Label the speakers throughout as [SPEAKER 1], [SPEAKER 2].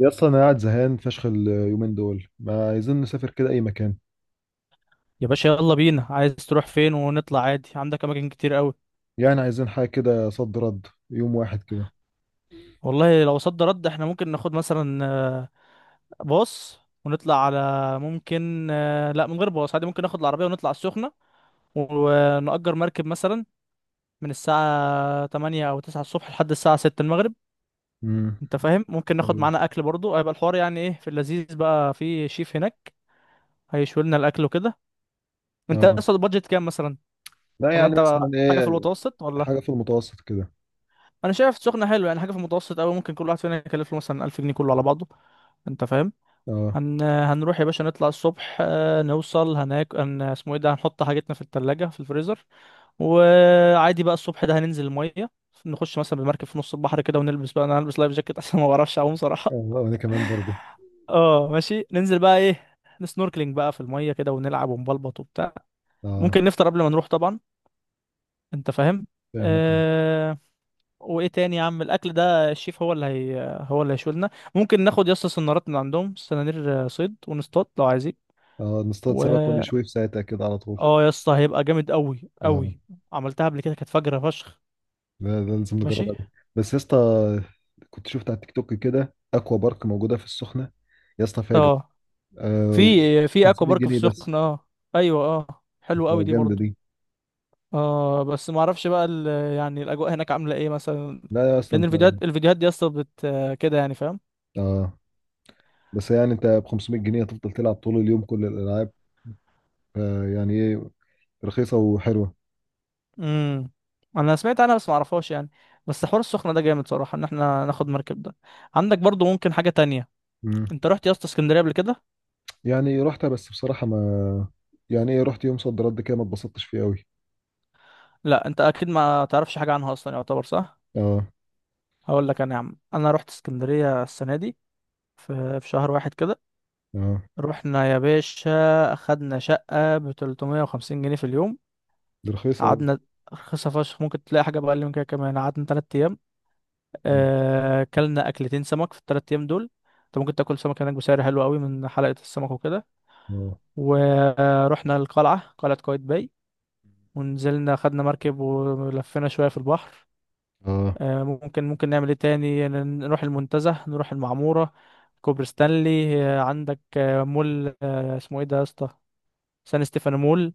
[SPEAKER 1] يا اسطى انا قاعد زهقان فشخ اليومين دول ما عايزين نسافر كده اي مكان.
[SPEAKER 2] يا باشا يلا بينا، عايز تروح فين؟ ونطلع عادي، عندك اماكن كتير قوي.
[SPEAKER 1] يعني عايزين حاجه كده صد رد يوم واحد كده.
[SPEAKER 2] والله لو صد رد احنا ممكن ناخد مثلا باص ونطلع على ممكن لا، من غير باص عادي ممكن ناخد العربية ونطلع السخنة ونأجر مركب مثلا من الساعة 8 أو 9 الصبح لحد الساعة 6 المغرب.
[SPEAKER 1] امم
[SPEAKER 2] أنت فاهم؟ ممكن ناخد
[SPEAKER 1] ايوه.
[SPEAKER 2] معانا أكل برضو، هيبقى الحوار يعني إيه؟ في اللذيذ بقى، في شيف هناك هيشوي لنا الأكل وكده. أنت
[SPEAKER 1] اه.
[SPEAKER 2] أصلا البادجت كام مثلا؟
[SPEAKER 1] لا
[SPEAKER 2] ولا
[SPEAKER 1] يعني
[SPEAKER 2] أنت
[SPEAKER 1] مثلا
[SPEAKER 2] حاجة في
[SPEAKER 1] ايه؟
[SPEAKER 2] المتوسط ولا؟
[SPEAKER 1] حاجه في المتوسط كده.
[SPEAKER 2] انا شايف سخنه حلوه، يعني حاجه في المتوسط قوي، ممكن كل واحد فينا يكلف له مثلا 1000 جنيه كله على بعضه. انت فاهم؟
[SPEAKER 1] اه.
[SPEAKER 2] هنروح يا باشا، نطلع الصبح نوصل هناك اسمه ايه ده، هنحط حاجتنا في التلاجة في الفريزر. وعادي بقى، الصبح ده هننزل الميه، نخش مثلا بالمركب في نص البحر كده ونلبس بقى، انا هلبس لايف جاكيت عشان ما بعرفش اعوم
[SPEAKER 1] اه
[SPEAKER 2] صراحه.
[SPEAKER 1] وانا كمان برضه.
[SPEAKER 2] اه ماشي، ننزل بقى ايه، نسنوركلينج بقى في الميه كده ونلعب ونبلبط وبتاع.
[SPEAKER 1] اه.
[SPEAKER 2] ممكن نفطر قبل ما نروح طبعا. انت فاهم.
[SPEAKER 1] فاهمك.
[SPEAKER 2] آه، وايه تاني يا عم؟ الاكل ده الشيف هو اللي هو اللي هيشولنا. ممكن ناخد يا اسطى سنارات من عندهم، سنانير صيد، ونصطاد لو عايزين.
[SPEAKER 1] اه نصطاد
[SPEAKER 2] و
[SPEAKER 1] سمك ونشويه في ساعتها كده على طول.
[SPEAKER 2] اه يا اسطى هيبقى جامد قوي
[SPEAKER 1] اه.
[SPEAKER 2] قوي. عملتها قبل كده كانت فجرة فشخ.
[SPEAKER 1] لا لا لازم
[SPEAKER 2] ماشي.
[SPEAKER 1] نجربها دي. بس يا اسطى كنت شفت على التيك توك كده اكوا بارك موجوده في السخنه. يا اسطى فاجر.
[SPEAKER 2] اه. في
[SPEAKER 1] آه.
[SPEAKER 2] في اكوا
[SPEAKER 1] 500
[SPEAKER 2] بارك في
[SPEAKER 1] جنيه بس.
[SPEAKER 2] السخنة اه. ايوه اه، حلو قوي دي
[SPEAKER 1] فجامده
[SPEAKER 2] برضو.
[SPEAKER 1] دي.
[SPEAKER 2] اه بس ما اعرفش بقى يعني الاجواء هناك عاملة ايه مثلا؟
[SPEAKER 1] لا يا اسطى
[SPEAKER 2] لان
[SPEAKER 1] انت.
[SPEAKER 2] الفيديوهات دي يا اسطى كده يعني، فاهم.
[SPEAKER 1] اه. بس يعني انت ب 500 جنيه هتفضل تلعب طول اليوم كل الالعاب، يعني ايه، رخيصه وحلوه.
[SPEAKER 2] امم. انا سمعت عنها بس ما اعرفهاش يعني. بس حوار السخنه ده جامد صراحه، ان احنا ناخد مركب ده. عندك برضو ممكن حاجه تانية.
[SPEAKER 1] مم.
[SPEAKER 2] انت رحت يا اسطى اسكندريه قبل كده؟
[SPEAKER 1] يعني رحتها بس بصراحه ما... يعني ايه، رحت يوم صد رد كده ما اتبسطتش فيه قوي.
[SPEAKER 2] لا انت اكيد ما تعرفش حاجه عنها اصلا، يعتبر صح.
[SPEAKER 1] اه.
[SPEAKER 2] هقول لك انا يا عم، انا رحت اسكندريه السنه دي في شهر واحد كده.
[SPEAKER 1] اه
[SPEAKER 2] رحنا يا باشا، اخدنا شقه ب 350 جنيه في اليوم.
[SPEAKER 1] دي رخيصه قوي.
[SPEAKER 2] قعدنا، رخيصة فشخ ممكن تلاقي حاجة بأقل من كده كمان. قعدنا 3 أيام، أكلنا أكلتين سمك في ال3 أيام دول. أنت ممكن تاكل سمك هناك بسعر حلو قوي من حلقة السمك وكده.
[SPEAKER 1] اه.
[SPEAKER 2] ورحنا القلعة، قلعة قايتباي. ونزلنا خدنا مركب ولفينا شوية في البحر.
[SPEAKER 1] اه.
[SPEAKER 2] ممكن نعمل ايه تاني؟ نروح المنتزه، نروح المعمورة، كوبري ستانلي عندك مول اسمه ايه ده يا اسطى؟ سان ستيفانو مول.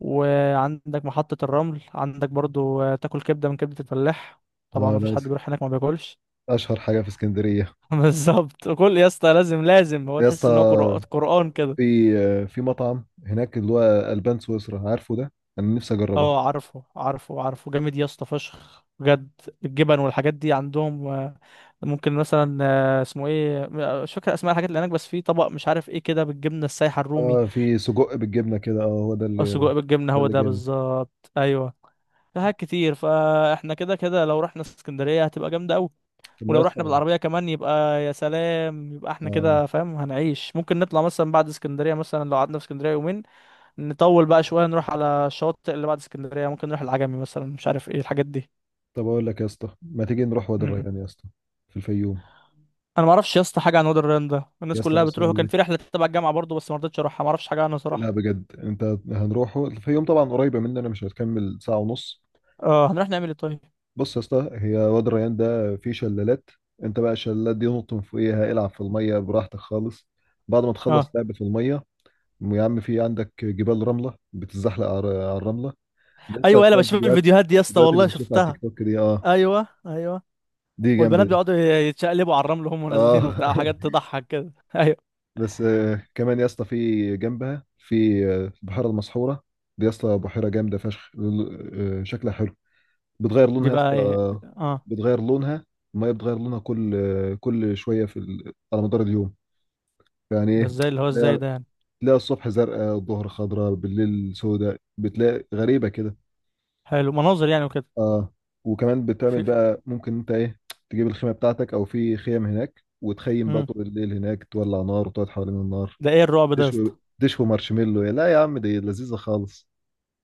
[SPEAKER 2] وعندك محطة الرمل، عندك برضو تاكل كبدة من كبدة الفلاح، طبعا
[SPEAKER 1] اه
[SPEAKER 2] مفيش
[SPEAKER 1] لا
[SPEAKER 2] حد بيروح هناك ما بياكلش.
[SPEAKER 1] اشهر حاجه في اسكندريه.
[SPEAKER 2] بالظبط، كل يا اسطى، لازم لازم هو
[SPEAKER 1] يا اسطى
[SPEAKER 2] تحس ان هو قرآن كده.
[SPEAKER 1] في في مطعم هناك اللي هو البان سويسرا، عارفه ده. انا نفسي اجربه.
[SPEAKER 2] اه، عارفه عارفه عارفه، جامد يا اسطى فشخ بجد. الجبن والحاجات دي عندهم ممكن مثلا اسمه ايه، مش فاكر اسماء الحاجات اللي هناك، بس في طبق مش عارف ايه كده بالجبنه السايحه الرومي،
[SPEAKER 1] اه في سجق بالجبنه كده، اه هو ده
[SPEAKER 2] او
[SPEAKER 1] اللي...
[SPEAKER 2] سجق بالجبنه،
[SPEAKER 1] ده
[SPEAKER 2] هو
[SPEAKER 1] اللي
[SPEAKER 2] ده
[SPEAKER 1] جامد.
[SPEAKER 2] بالظبط، ايوه. في حاجات كتير، فاحنا كده كده لو رحنا اسكندريه هتبقى جامده قوي.
[SPEAKER 1] طب ما
[SPEAKER 2] ولو رحنا
[SPEAKER 1] يا
[SPEAKER 2] بالعربيه كمان يبقى يا سلام، يبقى احنا
[SPEAKER 1] اسطى.
[SPEAKER 2] كده، فاهم؟ هنعيش. ممكن نطلع مثلا بعد اسكندريه مثلا لو قعدنا في اسكندريه يومين، نطول بقى شويه نروح على الشواطئ اللي بعد اسكندريه، ممكن نروح العجمي مثلا، مش عارف ايه الحاجات دي.
[SPEAKER 1] طب اقول لك يا اسطى، ما تيجي نروح وادي
[SPEAKER 2] مم.
[SPEAKER 1] الريان يا اسطى، في الفيوم؟
[SPEAKER 2] انا ما اعرفش يا اسطى حاجه عن وادي الريان ده،
[SPEAKER 1] يا
[SPEAKER 2] الناس
[SPEAKER 1] اسطى
[SPEAKER 2] كلها
[SPEAKER 1] بص
[SPEAKER 2] بتروح،
[SPEAKER 1] اقول
[SPEAKER 2] وكان في
[SPEAKER 1] لك.
[SPEAKER 2] رحله تبع الجامعه برضه بس ما رضيتش اروحها، ما اعرفش حاجه عنها
[SPEAKER 1] لا
[SPEAKER 2] صراحه.
[SPEAKER 1] بجد انت. هنروحه الفيوم طبعا، قريبه مننا، مش هتكمل ساعه ونص.
[SPEAKER 2] اه. هنروح نعمل ايه طيب؟
[SPEAKER 1] بص يا اسطى، هي وادي الريان ده فيه شلالات. انت بقى الشلالات دي نط من فوقيها، العب في الميه براحتك خالص. بعد ما تخلص
[SPEAKER 2] اه.
[SPEAKER 1] لعب في الميه، يا عم في عندك جبال رمله بتتزحلق على الرمله. لسه
[SPEAKER 2] ايوه انا
[SPEAKER 1] هتلاقي
[SPEAKER 2] بشوف
[SPEAKER 1] الفيديوهات،
[SPEAKER 2] الفيديوهات دي يا اسطى،
[SPEAKER 1] الفيديوهات اللي
[SPEAKER 2] والله
[SPEAKER 1] بتشوفها على
[SPEAKER 2] شفتها.
[SPEAKER 1] التيك توك دي، اه
[SPEAKER 2] ايوه ايوه.
[SPEAKER 1] دي جامده
[SPEAKER 2] والبنات
[SPEAKER 1] دي.
[SPEAKER 2] بيقعدوا يتشقلبوا على الرمل وهم نازلين
[SPEAKER 1] اه.
[SPEAKER 2] وبتاع، حاجات تضحك كده ايوه.
[SPEAKER 1] بس كمان يا اسطى في جنبها في البحيره المسحوره. دي يا اسطى بحيره جامده فشخ، شكلها حلو، بتغير
[SPEAKER 2] دي
[SPEAKER 1] لونها يا
[SPEAKER 2] بقى
[SPEAKER 1] اسطى،
[SPEAKER 2] ايه؟ اه.
[SPEAKER 1] بتغير لونها، الميه بتغير لونها كل كل شويه في على مدار اليوم، يعني
[SPEAKER 2] ده
[SPEAKER 1] ايه.
[SPEAKER 2] ازاي، اللي هو ازاي
[SPEAKER 1] تلاقي
[SPEAKER 2] ده يعني؟
[SPEAKER 1] تلاقي الصبح زرقاء الظهر خضراء بالليل سوداء، بتلاقي غريبه كده.
[SPEAKER 2] حلو، مناظر يعني وكده.
[SPEAKER 1] اه وكمان بتعمل
[SPEAKER 2] في
[SPEAKER 1] بقى ممكن انت ايه، تجيب الخيمه بتاعتك او في خيم هناك وتخيم بقى
[SPEAKER 2] مم.
[SPEAKER 1] طول الليل هناك، تولع نار وتقعد حوالين النار.
[SPEAKER 2] ده ايه الرعب ده يا
[SPEAKER 1] دشو
[SPEAKER 2] اسطى؟
[SPEAKER 1] دشو مارشميلو، يا لا يا عم دي لذيذة خالص.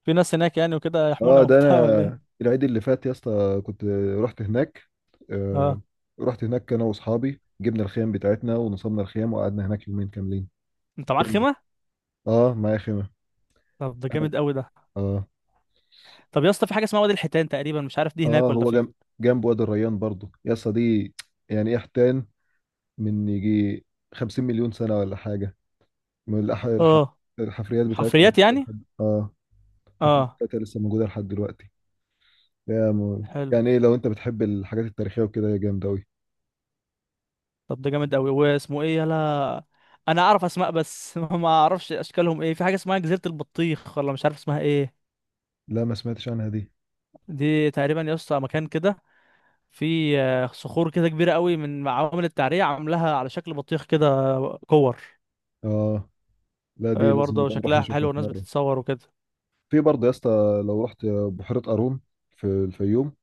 [SPEAKER 2] في ناس هناك يعني وكده يحمونا
[SPEAKER 1] اه ده
[SPEAKER 2] وبتاع ولا ايه؟
[SPEAKER 1] انا العيد اللي فات يا اسطى كنت رحت هناك. آه.
[SPEAKER 2] اه.
[SPEAKER 1] رحت هناك انا واصحابي، جبنا الخيام بتاعتنا ونصبنا الخيام وقعدنا هناك يومين كاملين.
[SPEAKER 2] انت معاك
[SPEAKER 1] جامدة.
[SPEAKER 2] خيمه؟
[SPEAKER 1] اه معايا خيمة.
[SPEAKER 2] طب ده
[SPEAKER 1] انا.
[SPEAKER 2] جامد قوي ده.
[SPEAKER 1] اه.
[SPEAKER 2] طب يا اسطى في حاجه اسمها وادي الحيتان تقريبا، مش عارف دي
[SPEAKER 1] اه
[SPEAKER 2] هناك ولا
[SPEAKER 1] هو
[SPEAKER 2] فين.
[SPEAKER 1] جنب وادي الريان برضو يا اسطى دي. يعني ايه حتان، من يجي 50 مليون سنة ولا حاجة، من
[SPEAKER 2] اه
[SPEAKER 1] الحفريات بتاعتها
[SPEAKER 2] حفريات
[SPEAKER 1] موجودة
[SPEAKER 2] يعني.
[SPEAKER 1] لحد اه... الحفريات
[SPEAKER 2] اه
[SPEAKER 1] بتاعتها لسه موجودة لحد دلوقتي.
[SPEAKER 2] حلو.
[SPEAKER 1] يعني ايه، لو انت بتحب الحاجات التاريخية وكده، يا جامد اوي.
[SPEAKER 2] طب ده جامد قوي، واسمه ايه يلا؟ انا اعرف اسماء بس ما اعرفش اشكالهم ايه. في حاجه اسمها جزيره البطيخ ولا مش عارف اسمها ايه.
[SPEAKER 1] لا ما سمعتش عنها دي.
[SPEAKER 2] دي تقريبا يا اسطى مكان كده، في صخور كده كبيره قوي من عوامل التعريه عاملاها على شكل بطيخ كده، كور.
[SPEAKER 1] اه لا دي لازم
[SPEAKER 2] برضه
[SPEAKER 1] نبقى نروح
[SPEAKER 2] شكلها
[SPEAKER 1] نشوفها
[SPEAKER 2] حلو
[SPEAKER 1] في
[SPEAKER 2] والناس
[SPEAKER 1] مرة.
[SPEAKER 2] بتتصور وكده.
[SPEAKER 1] في برضه يا اسطى، لو رحت بحيرة قارون في الفيوم،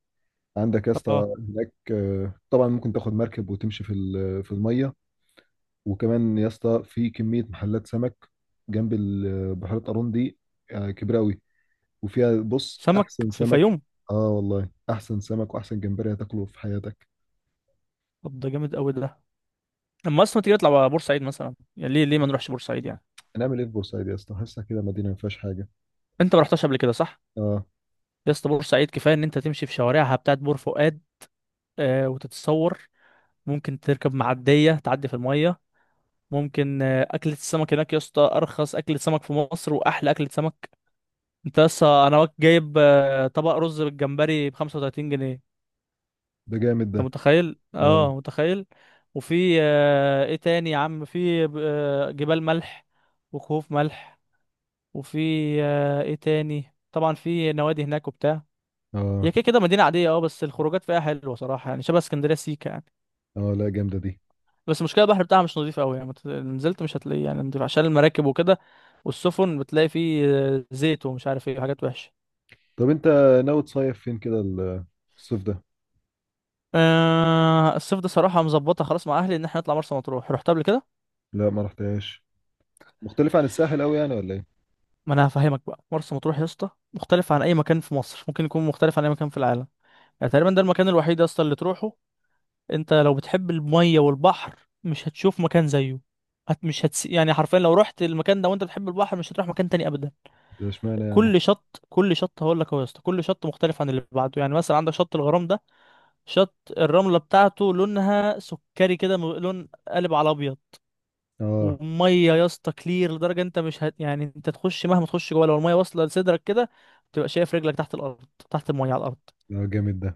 [SPEAKER 1] عندك يا اسطى
[SPEAKER 2] اه
[SPEAKER 1] هناك، طبعا ممكن تاخد مركب وتمشي في في المية. وكمان يا اسطى في كمية محلات سمك جنب بحيرة قارون دي، كبيرة اوي، وفيها بص
[SPEAKER 2] سمك
[SPEAKER 1] احسن
[SPEAKER 2] في
[SPEAKER 1] سمك.
[SPEAKER 2] الفيوم؟
[SPEAKER 1] اه والله احسن سمك واحسن جمبري هتاكله في حياتك.
[SPEAKER 2] طب ده جامد قوي ده. لما اصلا تيجي نطلع على بورسعيد مثلا، يعني ليه ما نروحش بورسعيد يعني؟
[SPEAKER 1] هنعمل ايه في بورسعيد يا اسطى، حاسسها كده مدينة ما فيهاش حاجة.
[SPEAKER 2] انت ما رحتش قبل كده صح؟
[SPEAKER 1] اه.
[SPEAKER 2] يا اسطى بورسعيد كفايه ان انت تمشي في شوارعها بتاعت بور فؤاد، آه، وتتصور. ممكن تركب معديه تعدي في الميه. ممكن آه اكله السمك هناك يا اسطى ارخص اكله سمك في مصر واحلى اكله سمك. انت لسه انا جايب آه طبق رز بالجمبري ب 35 جنيه.
[SPEAKER 1] ده جامد ده.
[SPEAKER 2] انت متخيل؟
[SPEAKER 1] اه.
[SPEAKER 2] اه متخيل. وفي آه ايه تاني يا عم، في آه جبال ملح وكهوف ملح. وفي آه ايه تاني، طبعا في نوادي هناك وبتاع. هي
[SPEAKER 1] اه.
[SPEAKER 2] كده كده مدينة عادية اه، بس الخروجات فيها حلوة صراحة، يعني شبه اسكندرية سيكا يعني.
[SPEAKER 1] اه لا جامدة دي.
[SPEAKER 2] بس المشكلة البحر بتاعها مش نظيف قوي يعني، نزلت مش هتلاقيه يعني نضيف عشان المراكب وكده، والسفن بتلاقي فيه زيت ومش عارف ايه حاجات وحشة.
[SPEAKER 1] طب انت ناوي تصيف فين كده الصيف ده؟
[SPEAKER 2] أه الصيف ده صراحة مظبطة خلاص مع أهلي إن احنا نطلع مرسى مطروح. رحت قبل كده؟
[SPEAKER 1] لا ما رحتهاش. مختلف عن الساحل قوي يعني ولا ايه؟
[SPEAKER 2] ما أنا هفهمك بقى، مرسى مطروح يا اسطى مختلف عن أي مكان في مصر، ممكن يكون مختلف عن أي مكان في العالم. يعني تقريبا ده المكان الوحيد يا اسطى اللي تروحه انت لو بتحب المية والبحر. مش هتشوف مكان زيه. هت مش هتس... يعني حرفيا لو رحت المكان ده وانت بتحب البحر مش هتروح مكان تاني ابدا.
[SPEAKER 1] ده اشمعنى يعني؟
[SPEAKER 2] كل شط هقول لك اهو يا اسطى، كل شط مختلف عن اللي بعده، يعني مثلا عندك شط الغرام ده، شط الرملة بتاعته لونها سكري كده، لون قالب على ابيض.
[SPEAKER 1] اه.
[SPEAKER 2] وميه يا اسطى كلير لدرجة انت مش هت... يعني انت تخش مهما تخش جوه، لو الميه واصلة لصدرك كده تبقى شايف رجلك تحت الارض، تحت الميه على الارض.
[SPEAKER 1] اه جامد ده.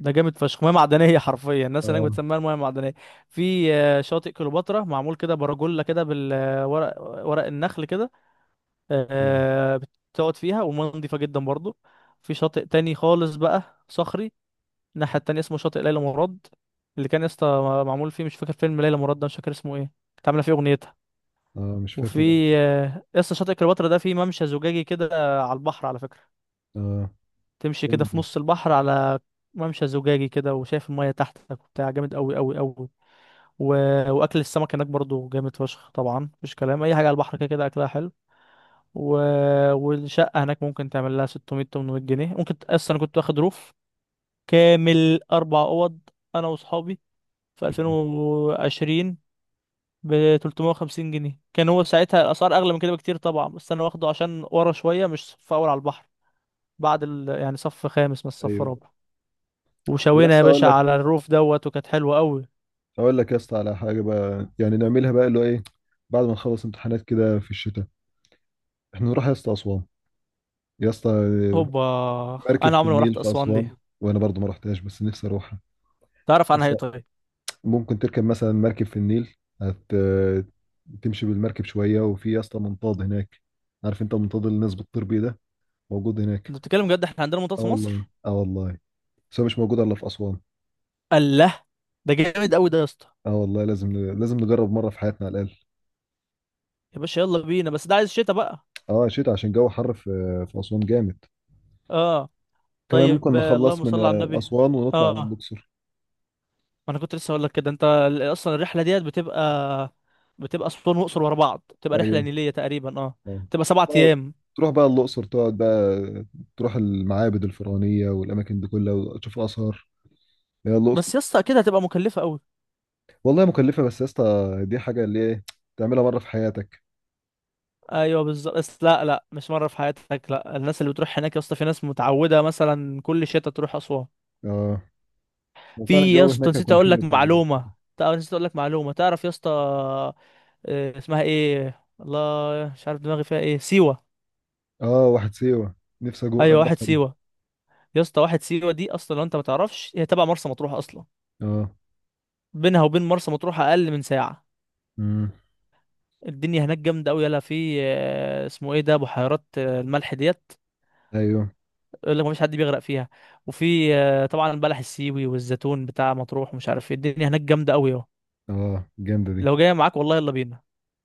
[SPEAKER 2] ده جامد فشخ، ميه معدنيه حرفيا الناس هناك
[SPEAKER 1] اه.
[SPEAKER 2] بتسميها الميه المعدنيه. في شاطئ كليوباترا معمول كده برجولة كده بالورق، ورق النخل كده.
[SPEAKER 1] اه.
[SPEAKER 2] آه، بتقعد فيها والميه نضيفه جدا برضو. في شاطئ تاني خالص بقى صخري، الناحيه التانيه اسمه شاطئ ليلى مراد. اللي كان يا اسطى معمول فيه، مش فاكر فيلم ليلى مراد ده مش فاكر اسمه ايه، كانت عامله فيه اغنيتها.
[SPEAKER 1] مش
[SPEAKER 2] وفي
[SPEAKER 1] فاكره بقى.
[SPEAKER 2] يا اسطى شاطئ كليوباترا ده فيه ممشى زجاجي كده على البحر، على فكره.
[SPEAKER 1] اه
[SPEAKER 2] تمشي كده
[SPEAKER 1] جامد
[SPEAKER 2] في
[SPEAKER 1] ده.
[SPEAKER 2] نص البحر على ممشى زجاجي كده وشايف المية تحتك وبتاع، جامد قوي قوي قوي. و... واكل السمك هناك برضو جامد فشخ، طبعا مفيش كلام، اي حاجة على البحر كده كده اكلها حلو. و... والشقة هناك ممكن تعمل لها 600 800 جنيه، ممكن اصلا انا كنت واخد روف كامل 4 اوض، انا واصحابي، في 2020 ب 350 جنيه. كان هو ساعتها الاسعار اغلى من كده بكتير طبعا، بس انا واخده عشان ورا شوية، مش صف اول على البحر، يعني صف خامس مش صف
[SPEAKER 1] ايوه.
[SPEAKER 2] رابع. وشوينا
[SPEAKER 1] بس
[SPEAKER 2] يا
[SPEAKER 1] اقول
[SPEAKER 2] باشا
[SPEAKER 1] لك،
[SPEAKER 2] على الروف دوت وكانت حلوه قوي.
[SPEAKER 1] اقول لك يا اسطى على حاجه بقى، يعني نعملها بقى اللي هو ايه، بعد ما نخلص امتحانات كده في الشتاء، احنا نروح يا اسطى اسوان يا اسطى،
[SPEAKER 2] هوبا.
[SPEAKER 1] مركب
[SPEAKER 2] انا
[SPEAKER 1] في
[SPEAKER 2] عمري ما
[SPEAKER 1] النيل
[SPEAKER 2] رحت
[SPEAKER 1] في
[SPEAKER 2] اسوان دي.
[SPEAKER 1] اسوان. وانا برضو ما رحتهاش بس نفسي اروحها.
[SPEAKER 2] تعرف عنها
[SPEAKER 1] بس
[SPEAKER 2] ايه طيب؟
[SPEAKER 1] ممكن تركب مثلا مركب في النيل، هت... تمشي بالمركب شوية، وفي يا اسطى منطاد هناك، عارف انت المنطاد اللي الناس بتطير بيه ده، موجود هناك.
[SPEAKER 2] انت بتتكلم جد، احنا عندنا منطقه
[SPEAKER 1] اه
[SPEAKER 2] في مصر!
[SPEAKER 1] والله، اه والله، بس هو مش موجود الا في أسوان.
[SPEAKER 2] الله، ده جامد قوي ده يا اسطى.
[SPEAKER 1] اه والله لازم لازم نجرب مرة في حياتنا على الأقل.
[SPEAKER 2] يا باشا يلا بينا، بس ده عايز شتا بقى.
[SPEAKER 1] اه شتا عشان جو حر في أسوان جامد.
[SPEAKER 2] اه
[SPEAKER 1] كمان
[SPEAKER 2] طيب.
[SPEAKER 1] ممكن نخلص
[SPEAKER 2] اللهم
[SPEAKER 1] من
[SPEAKER 2] صل على النبي.
[SPEAKER 1] أسوان ونطلع على
[SPEAKER 2] اه
[SPEAKER 1] الأقصر.
[SPEAKER 2] ما انا كنت لسه اقول لك كده، انت اصلا الرحله ديت بتبقى اسوان واقصر ورا بعض، بتبقى رحله
[SPEAKER 1] ايوه.
[SPEAKER 2] نيليه تقريبا، اه.
[SPEAKER 1] آه.
[SPEAKER 2] بتبقى سبعة
[SPEAKER 1] بقى-
[SPEAKER 2] ايام
[SPEAKER 1] تروح بقى الأقصر، تقعد بقى، تروح المعابد الفرعونية والأماكن دي كلها وتشوف آثار، هي الأقصر.
[SPEAKER 2] بس يا اسطى اكيد هتبقى مكلفه قوي.
[SPEAKER 1] والله مكلفة بس يا اسطى، دي حاجة اللي ايه، تعملها مرة في حياتك.
[SPEAKER 2] ايوه بالظبط، بس لا لا مش مره في حياتك، لا، الناس اللي بتروح هناك يا اسطى في ناس متعوده مثلا كل شتاء تروح اسوان.
[SPEAKER 1] اه وفعلا
[SPEAKER 2] في يا
[SPEAKER 1] الجو
[SPEAKER 2] اسطى
[SPEAKER 1] هناك
[SPEAKER 2] نسيت
[SPEAKER 1] هيكون
[SPEAKER 2] اقول لك
[SPEAKER 1] حلو في
[SPEAKER 2] معلومه،
[SPEAKER 1] الشتاء.
[SPEAKER 2] نسيت اقول لك معلومه، تعرف يا اسطى اسمها ايه، الله مش عارف دماغي فيها ايه، سيوه.
[SPEAKER 1] اه واحد سيوة، نفسي
[SPEAKER 2] ايوه واحد
[SPEAKER 1] اروحها دي.
[SPEAKER 2] سيوه. يا اسطى واحد سيوه دي اصلا لو انت ما تعرفش هي تبع مرسى مطروح اصلا،
[SPEAKER 1] اه.
[SPEAKER 2] بينها وبين مرسى مطروح اقل من ساعه.
[SPEAKER 1] امم
[SPEAKER 2] الدنيا هناك جامده قوي، يلا في اسمه ايه ده، بحيرات الملح ديت
[SPEAKER 1] ايوه.
[SPEAKER 2] يقول لك مفيش حد بيغرق فيها. وفي طبعا البلح السيوي والزيتون بتاع مطروح ومش عارف ايه، الدنيا هناك جامده قوي اهو.
[SPEAKER 1] اه جامدة دي.
[SPEAKER 2] لو جايه معاك والله يلا بينا.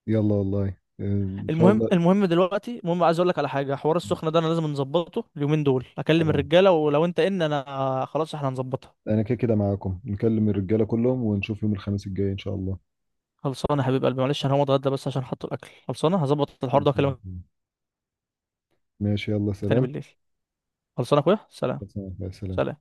[SPEAKER 1] يلا والله، ان شاء
[SPEAKER 2] المهم،
[SPEAKER 1] الله.
[SPEAKER 2] المهم دلوقتي، المهم عايز اقول لك على حاجه، حوار السخنه ده انا لازم نظبطه اليومين دول، اكلم
[SPEAKER 1] اه.
[SPEAKER 2] الرجاله ولو انت ان انا خلاص احنا هنظبطها.
[SPEAKER 1] انا كده كده معاكم، نكلم الرجالة كلهم ونشوف يوم الخميس الجاي ان شاء الله.
[SPEAKER 2] خلصانه يا حبيب قلبي، معلش انا هقوم اتغدى بس عشان حط الاكل، خلصانه هظبط الحوار ده
[SPEAKER 1] خمسة
[SPEAKER 2] واكلمك
[SPEAKER 1] وعشرين. ماشي يلا
[SPEAKER 2] تاني
[SPEAKER 1] سلام.
[SPEAKER 2] بالليل. خلصانه يا اخويا سلام.
[SPEAKER 1] 25. سلام.
[SPEAKER 2] سلام.